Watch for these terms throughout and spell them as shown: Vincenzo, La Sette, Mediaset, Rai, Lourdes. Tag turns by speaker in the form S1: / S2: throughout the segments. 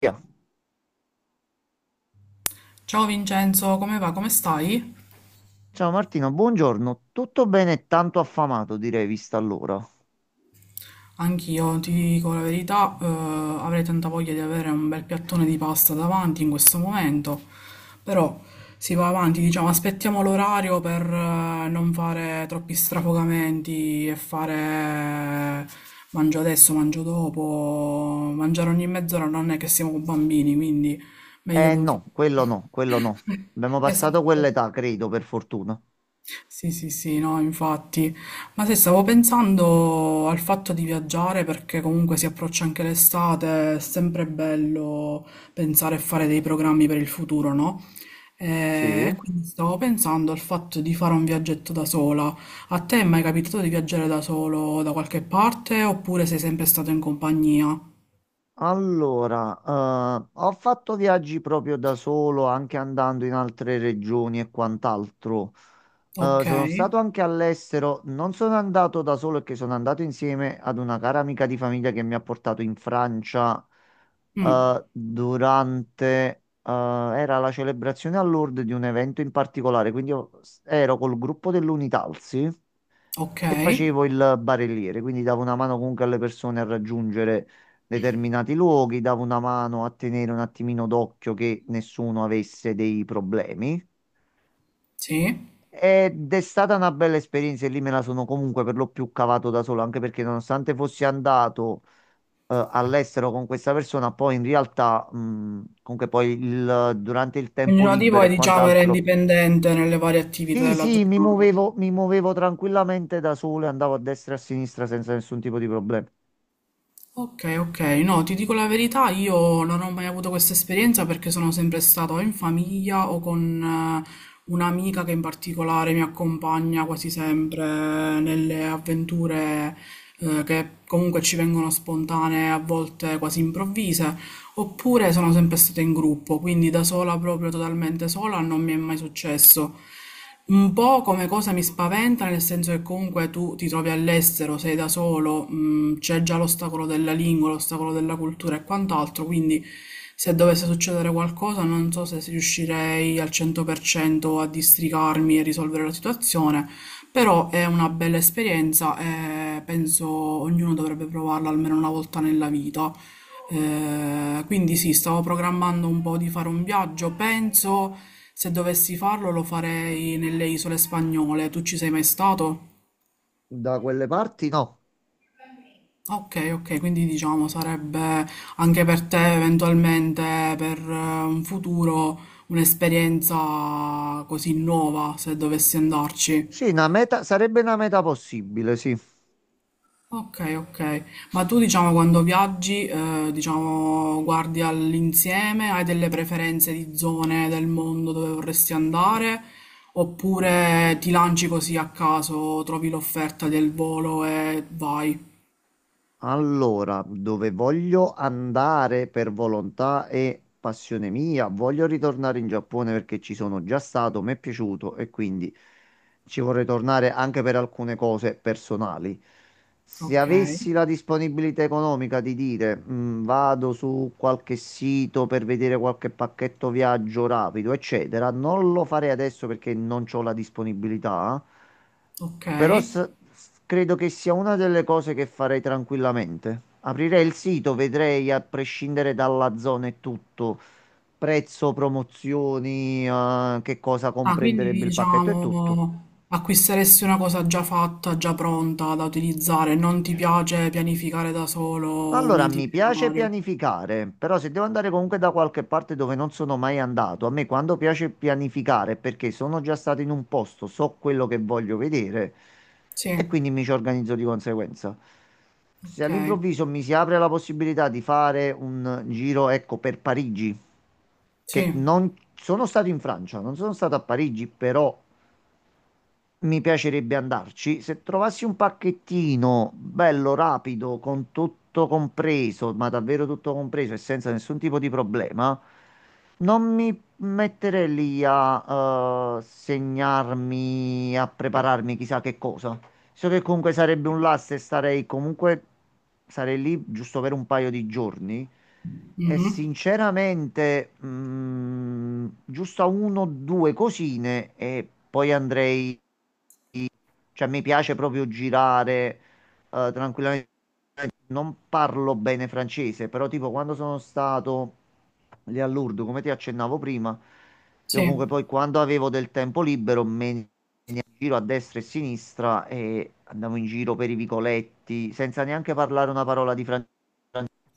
S1: Via.
S2: Ciao Vincenzo, come va? Come stai?
S1: Ciao Martino, buongiorno. Tutto bene e tanto affamato, direi, vista l'ora.
S2: Anch'io, ti dico la verità, avrei tanta voglia di avere un bel piattone di pasta davanti in questo momento, però si va avanti, diciamo, aspettiamo l'orario per non fare troppi strafogamenti e fare mangio adesso, mangio dopo, mangiare ogni mezz'ora non è che siamo bambini, quindi meglio
S1: Eh
S2: non fare.
S1: no, quello no, quello no. Abbiamo passato
S2: Esatto.
S1: quell'età, credo, per fortuna.
S2: Sì, sì, sì, no, infatti. Ma se stavo pensando al fatto di viaggiare perché comunque si approccia anche l'estate, è sempre bello pensare e fare dei programmi per il futuro, no? Eh,
S1: Sì?
S2: E quindi stavo pensando al fatto di fare un viaggetto da sola. A te è mai capitato di viaggiare da solo da qualche parte oppure sei sempre stato in compagnia?
S1: Allora, ho fatto viaggi proprio da solo, anche andando in altre regioni e quant'altro.
S2: Ok,
S1: Sono stato anche all'estero, non sono andato da solo, perché sono andato insieme ad una cara amica di famiglia che mi ha portato in Francia,
S2: mm,
S1: eh, durante, era la celebrazione a Lourdes di un evento in particolare, quindi io ero col gruppo dell'Unitalsi
S2: ok,
S1: e facevo il barelliere, quindi davo una mano comunque alle persone a raggiungere determinati luoghi, davo una mano a tenere un attimino d'occhio che nessuno avesse dei problemi.
S2: sì.
S1: Ed è stata una bella esperienza e lì me la sono comunque per lo più cavato da solo, anche perché nonostante fossi andato all'estero con questa persona, poi in realtà, comunque poi durante il tempo
S2: Ognuno di
S1: libero
S2: voi,
S1: e
S2: diciamo, era
S1: quant'altro,
S2: indipendente nelle varie attività
S1: sì,
S2: della
S1: sì, mi
S2: giornata.
S1: muovevo, mi muovevo tranquillamente da solo e andavo a destra e a sinistra senza nessun tipo di problema.
S2: Ok, ok, no, ti dico la verità, io non ho mai avuto questa esperienza perché sono sempre stata o in famiglia o con eh, un'amica che in particolare mi accompagna quasi sempre nelle avventure che comunque ci vengono spontanee, a volte quasi improvvise. Oppure sono sempre stata in gruppo, quindi da sola, proprio totalmente sola, non mi è mai successo. Un po' come cosa mi spaventa, nel senso che comunque tu ti trovi all'estero, sei da solo, c'è già l'ostacolo della lingua, l'ostacolo della cultura e quant'altro, quindi se dovesse succedere qualcosa non so se riuscirei al 100% a districarmi e risolvere la situazione, però è una bella esperienza e penso ognuno dovrebbe provarla almeno una volta nella vita. Quindi sì, stavo programmando un po' di fare un viaggio. Penso se dovessi farlo lo farei nelle isole spagnole. Tu ci sei mai stato?
S1: Da quelle parti no.
S2: Ok, ok, quindi diciamo sarebbe anche per te eventualmente per un futuro un'esperienza così nuova se dovessi andarci.
S1: Sì, una meta, sarebbe una meta possibile, sì.
S2: Okay, okay. Ma tu diciamo quando viaggi, diciamo, guardi all'insieme, hai delle preferenze di zone del mondo dove vorresti andare, oppure ti lanci così a caso, trovi l'offerta del volo e vai.
S1: Allora, dove voglio andare per volontà e passione mia, voglio ritornare in Giappone perché ci sono già stato, mi è piaciuto e quindi ci vorrei tornare anche per alcune cose personali. Se
S2: Ok,
S1: avessi la disponibilità economica di dire, vado su qualche sito per vedere qualche pacchetto viaggio rapido, eccetera", non lo farei adesso perché non ho la disponibilità.
S2: ok.
S1: Però credo che sia una delle cose che farei tranquillamente. Aprirei il sito, vedrei a prescindere dalla zona e tutto, prezzo, promozioni, che cosa
S2: Ah, quindi
S1: comprenderebbe il pacchetto e tutto.
S2: diciamo acquisteresti una cosa già fatta, già pronta da utilizzare, non ti piace pianificare da solo un
S1: Allora, mi piace
S2: itinerario.
S1: pianificare, però se devo andare comunque da qualche parte dove non sono mai andato, a me quando piace pianificare è perché sono già stato in un posto, so quello che voglio vedere
S2: Sì,
S1: e quindi mi ci organizzo di conseguenza. Se
S2: ok,
S1: all'improvviso mi si apre la possibilità di fare un giro, ecco, per Parigi, che
S2: sì.
S1: non sono stato in Francia, non sono stato a Parigi, però mi piacerebbe andarci. Se trovassi un pacchettino bello, rapido, con tutto compreso, ma davvero tutto compreso e senza nessun tipo di problema, non mi metterei lì a segnarmi, a prepararmi chissà che cosa. So che comunque sarebbe un lasso e starei comunque, sarei lì giusto per un paio di giorni. E
S2: Mhm.
S1: sinceramente, giusto a uno o due cosine e poi andrei, cioè, mi piace proprio girare tranquillamente. Non parlo bene francese, però tipo quando sono stato lì a Lourdes, come ti accennavo prima, io
S2: Sì.
S1: comunque poi quando avevo del tempo libero me ne andavo in giro a destra e a sinistra e andavo in giro per i vicoletti senza neanche parlare una parola di francese.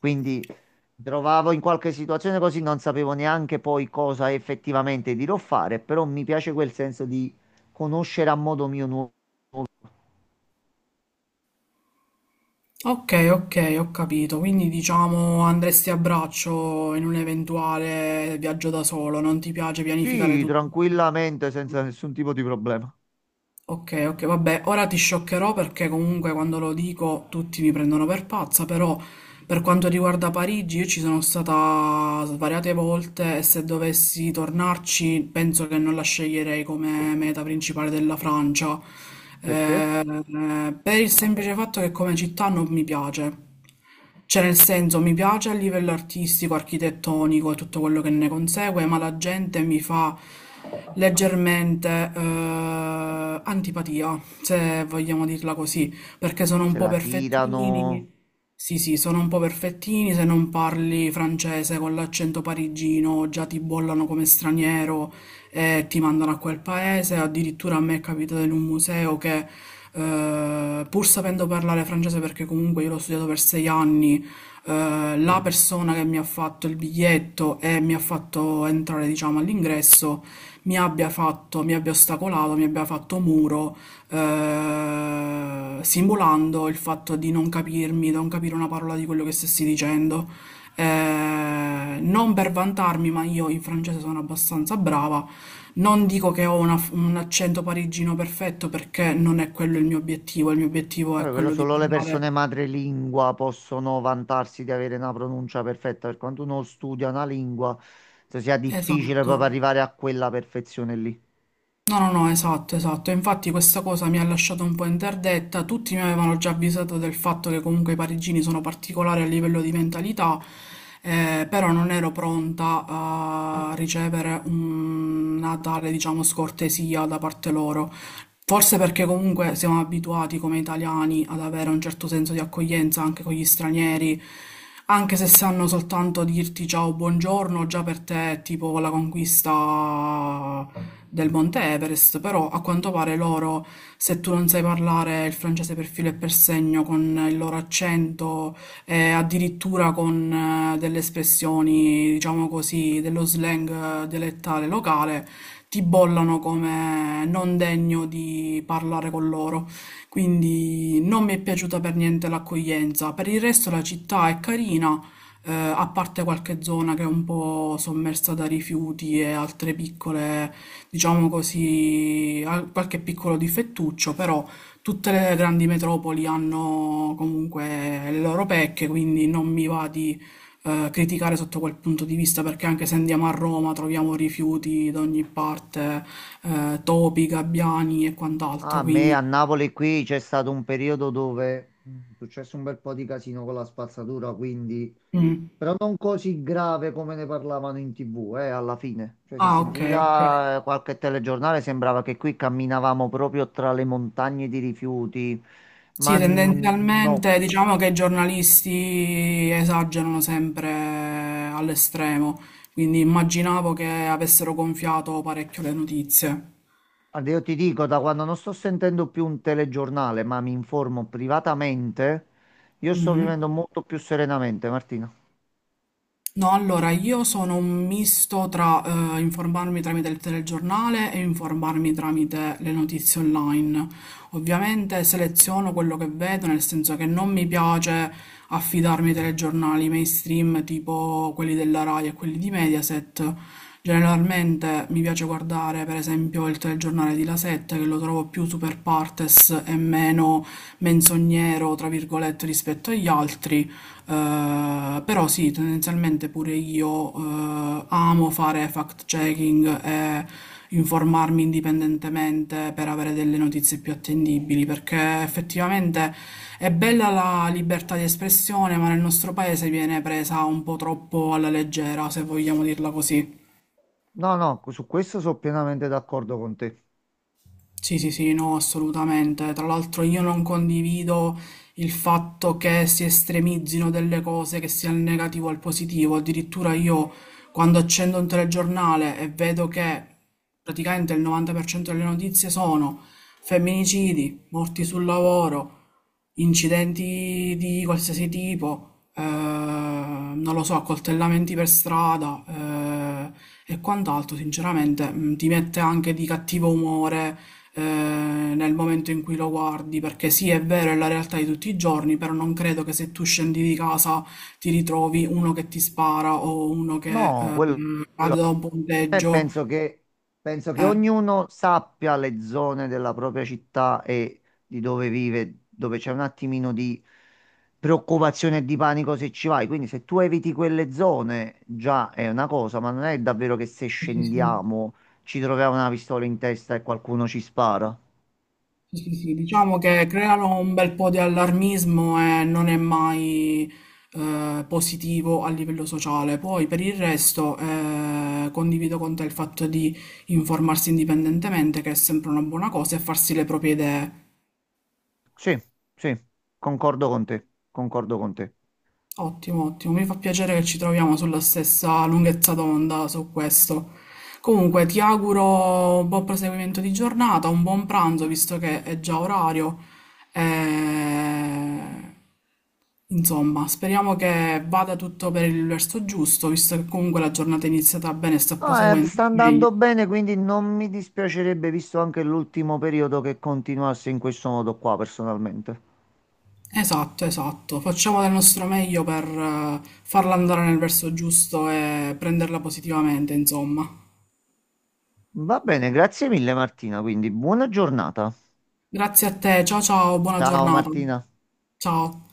S1: Quindi mi trovavo in qualche situazione così, non sapevo neanche poi cosa effettivamente dirò fare, però mi piace quel senso di conoscere a modo mio nuovo.
S2: Ok, ok, ho capito. Quindi diciamo andresti a braccio in un eventuale viaggio da solo, non ti piace pianificare
S1: Sì,
S2: tutto.
S1: tranquillamente, senza nessun tipo di problema.
S2: Ok, ok, vabbè, ora ti scioccherò perché comunque quando lo dico tutti mi prendono per pazza, però per quanto riguarda Parigi io ci sono stata svariate volte e se dovessi tornarci penso che non la sceglierei come meta principale della Francia,
S1: Perché?
S2: Eh, per il semplice fatto che come città non mi piace. Cioè nel senso mi piace a livello artistico, architettonico e tutto quello che ne consegue, ma la gente mi fa leggermente antipatia, se vogliamo dirla così, perché sono un
S1: Se
S2: po'
S1: la tirano...
S2: perfettini. Sì, sì, sono un po' perfettini, se non parli francese con l'accento parigino già ti bollano come straniero, e ti mandano a quel paese. Addirittura a me è capitato in un museo che, pur sapendo parlare francese, perché comunque io l'ho studiato per 6 anni, la persona che mi ha fatto il biglietto e mi ha fatto entrare, diciamo, all'ingresso, mi abbia fatto, mi abbia ostacolato, mi abbia fatto muro, simulando il fatto di non capirmi, di non capire una parola di quello che stessi dicendo. Non per vantarmi, ma io in francese sono abbastanza brava, non dico che ho un accento parigino perfetto perché non è quello il mio obiettivo è
S1: Vabbè, quello
S2: quello di
S1: solo le
S2: parlare.
S1: persone madrelingua possono vantarsi di avere una pronuncia perfetta. Per quanto uno studia una lingua, se sia difficile
S2: Esatto.
S1: proprio arrivare a quella perfezione lì.
S2: No, no, no, esatto, esatto. Infatti questa cosa mi ha lasciato un po' interdetta. Tutti mi avevano già avvisato del fatto che comunque i parigini sono particolari a livello di mentalità, però non ero pronta a ricevere una tale, diciamo, scortesia da parte loro. Forse perché comunque siamo abituati come italiani ad avere un certo senso di accoglienza anche con gli stranieri, anche se sanno soltanto dirti ciao, buongiorno, già per te è tipo la conquista del Monte Everest, però a quanto pare loro, se tu non sai parlare il francese per filo e per segno con il loro accento e addirittura con delle espressioni, diciamo così, dello slang dialettale locale, ti bollano come non degno di parlare con loro. Quindi non mi è piaciuta per niente l'accoglienza. Per il resto la città è carina, a parte qualche zona che è un po' sommersa da rifiuti e altre piccole, diciamo così, qualche piccolo difettuccio, però tutte le grandi metropoli hanno comunque le loro pecche, quindi non mi va di criticare sotto quel punto di vista, perché anche se andiamo a Roma troviamo rifiuti da ogni parte, topi, gabbiani e
S1: A
S2: quant'altro,
S1: me a
S2: quindi...
S1: Napoli qui c'è stato un periodo dove è successo un bel po' di casino con la spazzatura, quindi...
S2: mm.
S1: Però non così grave come ne parlavano in TV, alla fine. Cioè, se
S2: Ah, ok,
S1: sentivi
S2: ok.
S1: la, qualche telegiornale sembrava che qui camminavamo proprio tra le montagne di rifiuti, ma
S2: Sì,
S1: no.
S2: tendenzialmente diciamo che i giornalisti esagerano sempre all'estremo, quindi immaginavo che avessero gonfiato parecchio le notizie.
S1: Guarda, io ti dico, da quando non sto sentendo più un telegiornale, ma mi informo privatamente, io sto
S2: Mhm.
S1: vivendo molto più serenamente, Martina.
S2: No, allora io sono un misto tra informarmi tramite il telegiornale e informarmi tramite le notizie online. Ovviamente seleziono quello che vedo, nel senso che non mi piace affidarmi ai telegiornali mainstream tipo quelli della Rai e quelli di Mediaset. Generalmente mi piace guardare, per esempio, il telegiornale di La Sette, che lo trovo più super partes e meno menzognero, tra virgolette, rispetto agli altri. Però sì, tendenzialmente pure io amo fare fact-checking e informarmi indipendentemente per avere delle notizie più attendibili, perché effettivamente è bella la libertà di espressione, ma nel nostro paese viene presa un po' troppo alla leggera, se vogliamo dirla così.
S1: No, no, su questo sono pienamente d'accordo con te.
S2: Sì, sì, sì, no, assolutamente. Tra l'altro io non condivido il fatto che si estremizzino delle cose, che sia il negativo al positivo. Addirittura io quando accendo un telegiornale e vedo che praticamente il 90% delle notizie sono femminicidi, morti sul lavoro, incidenti di qualsiasi tipo, non lo so, accoltellamenti per strada, e quant'altro, sinceramente, ti mette anche di cattivo umore, eh, nel momento in cui lo guardi, perché sì, è vero, è la realtà di tutti i giorni, però non credo che se tu scendi di casa ti ritrovi uno che ti spara o uno che
S1: No, quello
S2: cade da un
S1: eh,
S2: ponteggio.
S1: penso che
S2: Eh,
S1: ognuno sappia le zone della propria città e di dove vive, dove c'è un attimino di preoccupazione e di panico se ci vai. Quindi se tu eviti quelle zone già è una cosa, ma non è davvero che se
S2: sì, sì, sì.
S1: scendiamo ci troviamo una pistola in testa e qualcuno ci spara.
S2: Sì, sì, sì. Diciamo che creano un bel po' di allarmismo e non è mai positivo a livello sociale. Poi per il resto condivido con te il fatto di informarsi indipendentemente, che è sempre una buona cosa, e farsi le proprie idee.
S1: Sì, sì, concordo con te, concordo con te.
S2: Ottimo, ottimo, mi fa piacere che ci troviamo sulla stessa lunghezza d'onda su questo. Comunque, ti auguro un buon proseguimento di giornata, un buon pranzo, visto che è già orario. E... Insomma, speriamo che vada tutto per il verso giusto, visto che comunque la giornata è iniziata bene e sta
S1: No,
S2: proseguendo
S1: sta
S2: meglio.
S1: andando bene, quindi non mi dispiacerebbe, visto anche l'ultimo periodo, che continuasse in questo modo qua, personalmente.
S2: Esatto, esatto. Facciamo del nostro meglio per farla andare nel verso giusto e prenderla positivamente, insomma.
S1: Va bene, grazie mille Martina, quindi buona giornata.
S2: Grazie a te, ciao ciao, buona
S1: Ciao
S2: giornata.
S1: Martina.
S2: Ciao.